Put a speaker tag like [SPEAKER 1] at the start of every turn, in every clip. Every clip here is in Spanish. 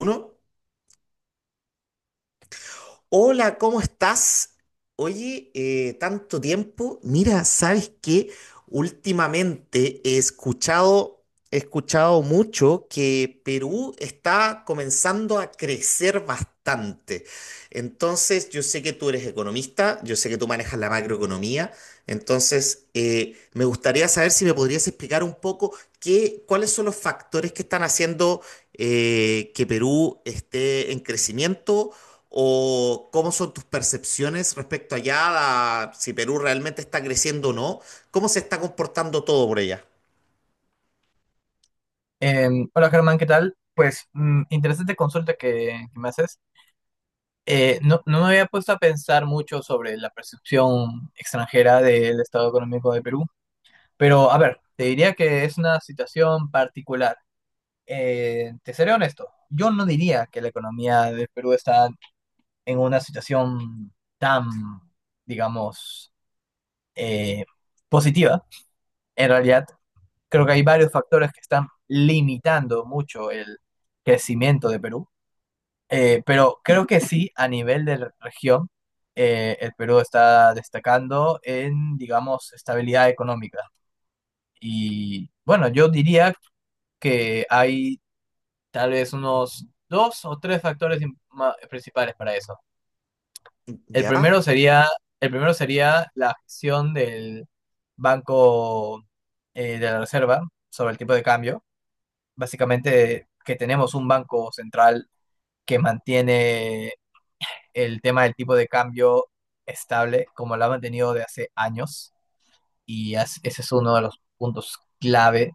[SPEAKER 1] Uno, hola, ¿cómo estás? Oye, tanto tiempo. Mira, ¿sabes qué? Últimamente he escuchado mucho que Perú está comenzando a crecer bastante. Entonces, yo sé que tú eres economista, yo sé que tú manejas la macroeconomía. Entonces, me gustaría saber si me podrías explicar un poco. ¿Cuáles son los factores que están haciendo que Perú esté en crecimiento? ¿O cómo son tus percepciones respecto allá a si Perú realmente está creciendo o no? ¿Cómo se está comportando todo por allá?
[SPEAKER 2] Hola Germán, ¿qué tal? Pues interesante consulta que me haces. No me había puesto a pensar mucho sobre la percepción extranjera del estado económico de Perú, pero a ver, te diría que es una situación particular. Te seré honesto, yo no diría que la economía de Perú está en una situación tan, digamos, eh, positiva. En realidad, creo que hay varios factores que están limitando mucho el crecimiento de Perú. Pero creo que sí, a nivel de región, el Perú está destacando en, digamos, estabilidad económica. Y bueno, yo diría que hay tal vez unos dos o tres factores principales para eso. El
[SPEAKER 1] ¿Ya?
[SPEAKER 2] primero sería, el primero sería la gestión del Banco de la Reserva sobre el tipo de cambio. Básicamente que tenemos un banco central que mantiene el tema del tipo de cambio estable como lo ha mantenido de hace años y ese es uno de los puntos clave,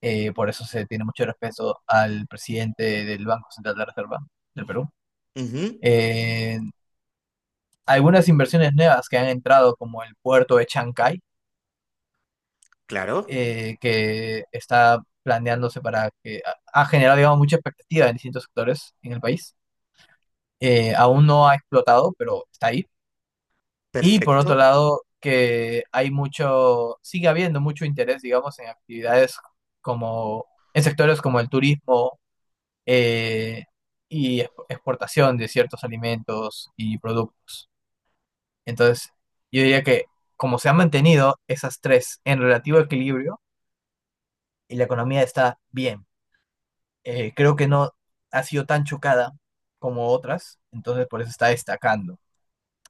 [SPEAKER 2] por eso se tiene mucho respeto al presidente del Banco Central de la Reserva del Perú.
[SPEAKER 1] Ujú.
[SPEAKER 2] Eh, Algunas inversiones nuevas que han entrado como el puerto de Chancay,
[SPEAKER 1] Claro,
[SPEAKER 2] que está planeándose para que ha generado, digamos, mucha expectativa en distintos sectores en el país. Aún no ha explotado, pero está ahí. Y por otro
[SPEAKER 1] perfecto.
[SPEAKER 2] lado, que hay mucho, sigue habiendo mucho interés, digamos, en actividades como, en sectores como el turismo eh, y exportación de ciertos alimentos y productos. Entonces, yo diría que como se han mantenido esas tres en relativo equilibrio y la economía está bien, creo que no ha sido tan chocada como otras, entonces por eso está destacando.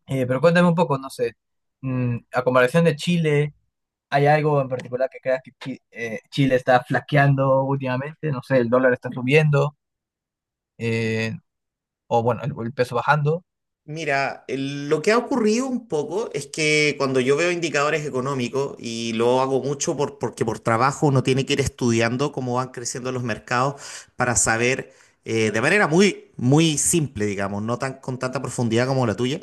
[SPEAKER 2] Pero cuéntame un poco, no sé, a comparación de Chile. ¿Hay algo en particular que creas que Chile está flaqueando últimamente? No sé, el dólar está subiendo, eh, o bueno, el peso bajando.
[SPEAKER 1] Mira, lo que ha ocurrido un poco es que cuando yo veo indicadores económicos, y lo hago mucho porque por trabajo uno tiene que ir estudiando cómo van creciendo los mercados para saber de manera muy, muy simple, digamos, no tan con tanta profundidad como la tuya,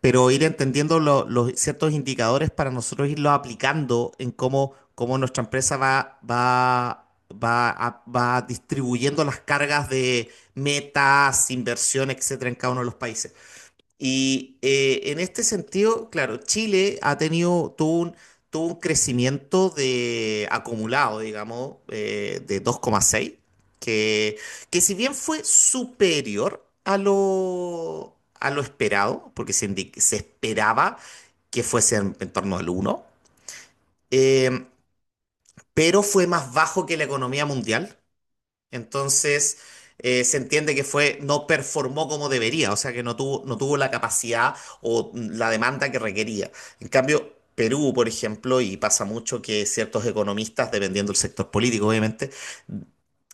[SPEAKER 1] pero ir entendiendo los ciertos indicadores para nosotros irlos aplicando en cómo nuestra empresa va distribuyendo las cargas de metas, inversión, etcétera, en cada uno de los países. Y en este sentido, claro, Chile ha tenido, tuvo un crecimiento de acumulado, digamos, de dos coma seis que, que si bien fue superior a lo esperado, porque se esperaba que fuese en torno al uno eh, pero fue más bajo que la economía mundial, entonces, se entiende que fue, no performó como debería, o sea que no tuvo la capacidad o la demanda que requería. En cambio, Perú, por ejemplo, y pasa mucho que ciertos economistas, dependiendo del sector político, obviamente,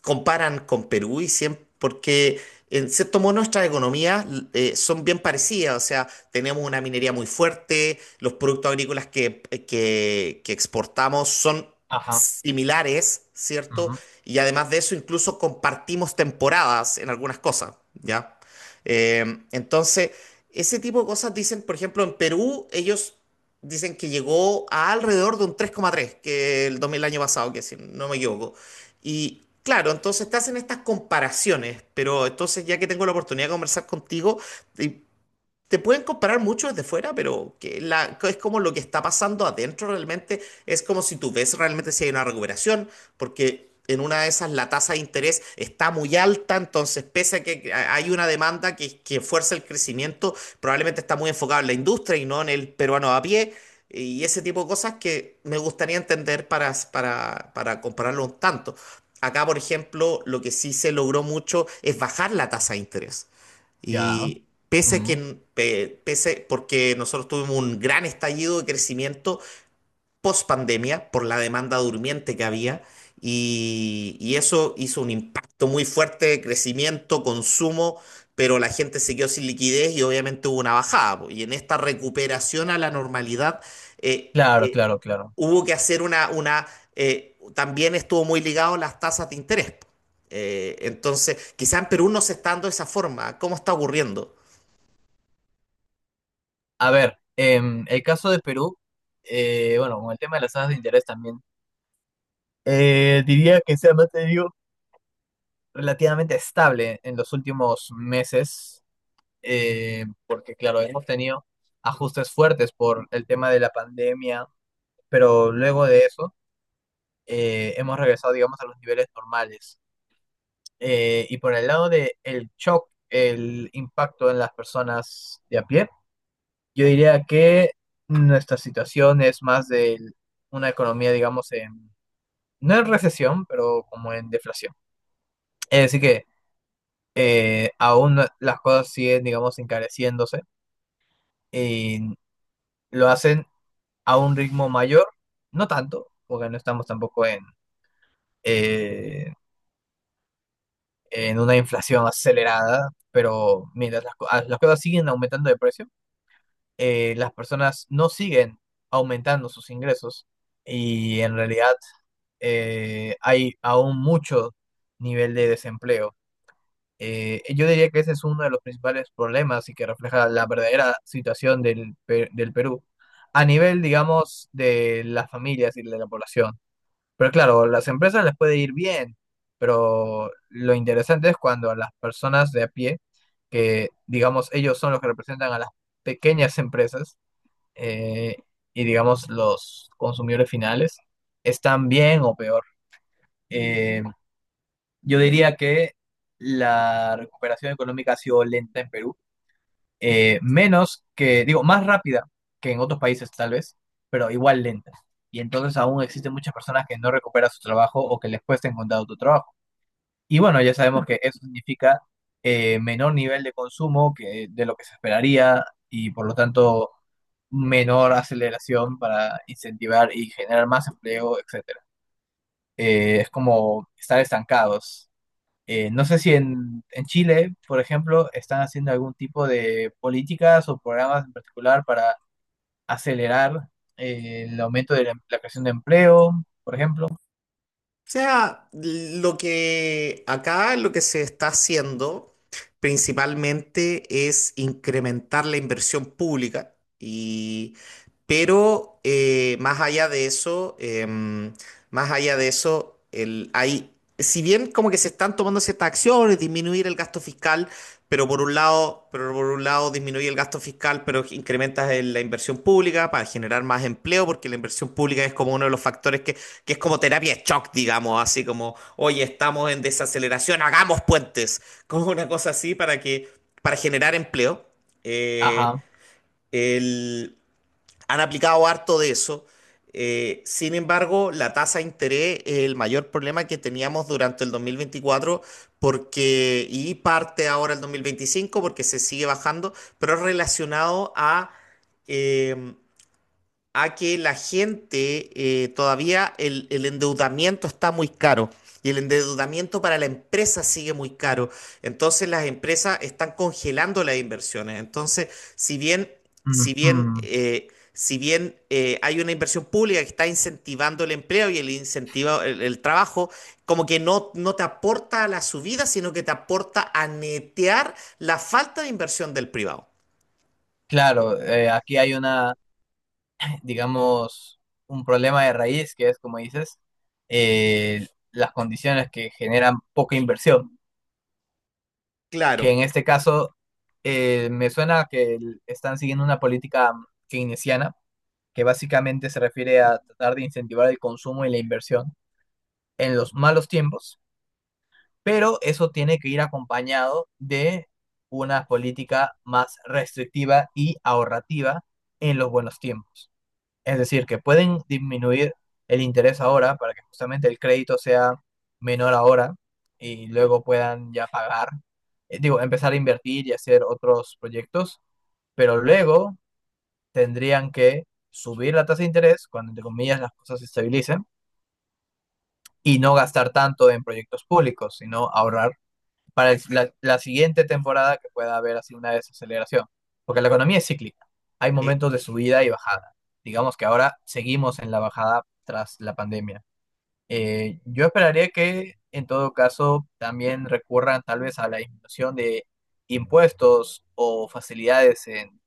[SPEAKER 1] comparan con Perú y siempre, porque en cierto modo nuestras economías son bien parecidas, o sea, tenemos una minería muy fuerte, los productos agrícolas que exportamos son
[SPEAKER 2] Ajá,
[SPEAKER 1] similares, ¿cierto?
[SPEAKER 2] ujú,
[SPEAKER 1] Y además de eso, incluso compartimos temporadas en algunas cosas, ¿ya? Eh, entonces, ese tipo de cosas dicen, por ejemplo, en Perú, ellos dicen que llegó a alrededor de un 3,3, que el 2000 año pasado, que si no me equivoco. Y claro, entonces te hacen estas comparaciones, pero entonces ya que tengo la oportunidad de conversar contigo, y te pueden comparar mucho desde fuera, pero que la, que es como lo que está pasando adentro realmente. Es como si tú ves realmente si hay una recuperación, porque en una de esas la tasa de interés está muy alta, entonces pese a que hay una demanda que fuerza el crecimiento, probablemente está muy enfocada en la industria y no en el peruano a pie. Y ese tipo de cosas que me gustaría entender para compararlo un tanto. Acá, por ejemplo, lo que sí se logró mucho es bajar la tasa de interés.
[SPEAKER 2] ya.
[SPEAKER 1] Y pese a
[SPEAKER 2] Ujú.
[SPEAKER 1] que, porque nosotros tuvimos un gran estallido de crecimiento post pandemia por la demanda durmiente que había y eso hizo un impacto muy fuerte de crecimiento, consumo, pero la gente se quedó sin liquidez y obviamente hubo una bajada. Po. Y en esta recuperación a la normalidad eh,
[SPEAKER 2] Claro,
[SPEAKER 1] eh,
[SPEAKER 2] claro, claro.
[SPEAKER 1] hubo que hacer una también estuvo muy ligado a las tasas de interés. Po. Entonces, quizá en Perú no se está dando de esa forma. ¿Cómo está ocurriendo?
[SPEAKER 2] A ver, el caso de Perú, bueno, con el tema de las tasas de interés también, diría que se ha mantenido relativamente estable en los últimos meses, porque claro, hemos tenido ajustes fuertes por el tema de la pandemia, pero luego de eso hemos regresado, digamos, a los niveles normales. Y por el lado de el shock, el impacto en las personas de a pie, yo diría que nuestra situación es más de una economía, digamos, en, no en recesión, pero como en deflación. Es decir que aún no- las cosas siguen, digamos, encareciéndose y lo hacen a un ritmo mayor, no tanto, porque no estamos tampoco en… eh, en una inflación acelerada, pero mientras las cosas siguen aumentando de precio, las personas no siguen aumentando sus ingresos y en realidad hay aún mucho nivel de desempleo. Yo diría que ese es uno de los principales problemas y que refleja la verdadera situación del Perú a nivel, digamos, de las familias y de la población. Pero claro, las empresas les puede ir bien, pero lo interesante es cuando a las personas de a pie, que digamos ellos son los que representan a las pequeñas empresas, eh, y digamos los consumidores finales, están bien o peor. Eh, yo diría que la recuperación económica ha sido lenta en Perú, menos que, digo, más rápida que en otros países tal vez, pero igual lenta. Y entonces aún existen muchas personas que no recuperan su trabajo o que les cuesta encontrar otro trabajo. Y bueno, ya sabemos que eso significa menor nivel de consumo que, de lo que se esperaría, y por lo tanto menor aceleración para incentivar y generar más empleo, etcétera. Es como estar estancados. No sé si en, en Chile, por ejemplo, están haciendo algún tipo de políticas o programas en particular para acelerar el aumento de la creación de empleo, por ejemplo.
[SPEAKER 1] O sea, lo que acá lo que se está haciendo principalmente es incrementar la inversión pública pero más allá de eso, más allá de eso, hay, si bien como que se están tomando ciertas acciones, disminuir el gasto fiscal, pero por un lado, pero por un lado disminuye el gasto fiscal, pero incrementas la inversión pública para generar más empleo, porque la inversión pública es como uno de los factores que es como terapia de shock, digamos, así como, oye, estamos en desaceleración, hagamos puentes, como una cosa así para que, para generar empleo. Eh,
[SPEAKER 2] Ajá.
[SPEAKER 1] el, Han aplicado harto de eso. Sin embargo, la tasa de interés es el mayor problema que teníamos durante el 2024 porque, y parte ahora el 2025 porque se sigue bajando, pero es relacionado a, em, a que la gente todavía el endeudamiento está muy caro y el endeudamiento para la empresa sigue muy caro. Entonces las empresas están congelando las inversiones. Entonces, si bien, si bien,
[SPEAKER 2] Ujú.
[SPEAKER 1] eh, si bien eh, hay una inversión pública que está incentivando el empleo y el incentivo, el trabajo, como que no, no te aporta a la subida, sino que te aporta a netear la falta de inversión del privado.
[SPEAKER 2] Claro, aquí hay una, digamos, un problema de raíz que es, como dices, eh, las condiciones que generan poca inversión,
[SPEAKER 1] Claro.
[SPEAKER 2] que en este caso me suena que están siguiendo una política keynesiana que básicamente se refiere a tratar de incentivar el consumo y la inversión en los malos tiempos, pero eso tiene que ir acompañado de una política más restrictiva y ahorrativa en los buenos tiempos. Es decir, que pueden disminuir el interés ahora para que justamente el crédito sea menor ahora y luego puedan ya pagar, digo, empezar a invertir y hacer otros proyectos, pero luego tendrían que subir la tasa de interés cuando, entre comillas, las cosas se estabilicen y no gastar tanto en proyectos públicos, sino ahorrar para la siguiente temporada que pueda haber así una desaceleración. Porque la economía es cíclica. Hay
[SPEAKER 1] eh,
[SPEAKER 2] momentos de subida y bajada. Digamos que ahora seguimos en la bajada tras la pandemia. Yo esperaría que en todo caso también recurran tal vez a la disminución de impuestos o facilidades en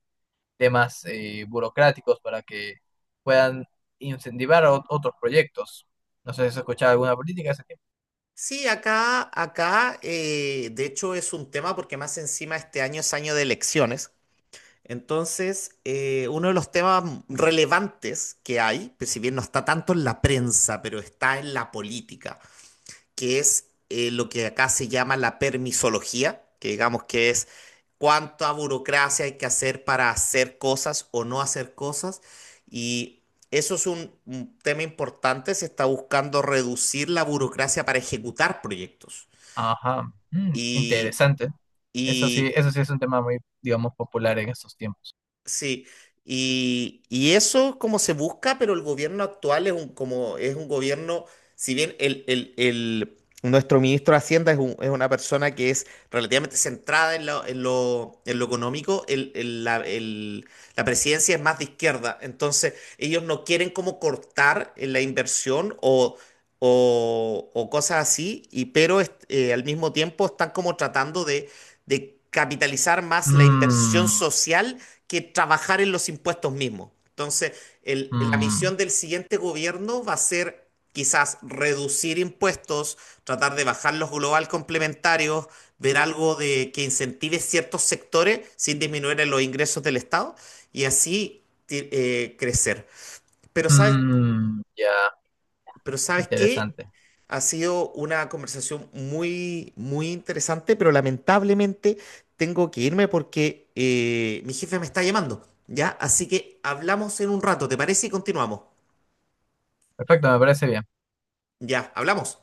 [SPEAKER 2] temas burocráticos para que puedan incentivar otros proyectos. No sé si has escuchado alguna política de ese tipo.
[SPEAKER 1] Sí, acá, acá, de hecho es un tema porque más encima este año es año de elecciones. Entonces, uno de los temas relevantes que hay, pues si bien no está tanto en la prensa, pero está en la política que es lo que acá se llama la permisología, que digamos que es cuánta burocracia hay que hacer para hacer cosas o no hacer cosas. Y eso es un tema importante, se está buscando reducir la burocracia para ejecutar proyectos.
[SPEAKER 2] Ajá,
[SPEAKER 1] Y,
[SPEAKER 2] interesante.
[SPEAKER 1] y
[SPEAKER 2] Eso sí es un tema muy, digamos, popular en estos tiempos.
[SPEAKER 1] Sí, y eso es como se busca, pero el gobierno actual es un, como, es un gobierno, si bien nuestro ministro de Hacienda es una persona que es relativamente centrada en lo económico, la presidencia es más de izquierda, entonces ellos no quieren como cortar en la inversión o, o cosas así, pero al mismo tiempo están como tratando de capitalizar más la inversión
[SPEAKER 2] Mm,
[SPEAKER 1] social que trabajar en los impuestos mismos. Entonces, la
[SPEAKER 2] mm,
[SPEAKER 1] misión del siguiente gobierno va a ser quizás reducir impuestos, tratar de bajar los global complementarios, ver algo de que incentive ciertos sectores sin disminuir en los ingresos del Estado y así crecer. Pero ¿sabes
[SPEAKER 2] ya,
[SPEAKER 1] pero ¿sabes qué?
[SPEAKER 2] interesante.
[SPEAKER 1] Ha sido una conversación muy, muy interesante, pero lamentablemente tengo que irme porque mi jefe me está llamando, ¿ya? Así que hablamos en un rato, ¿te parece? Y continuamos.
[SPEAKER 2] Perfecto, me parece bien.
[SPEAKER 1] Ya, hablamos.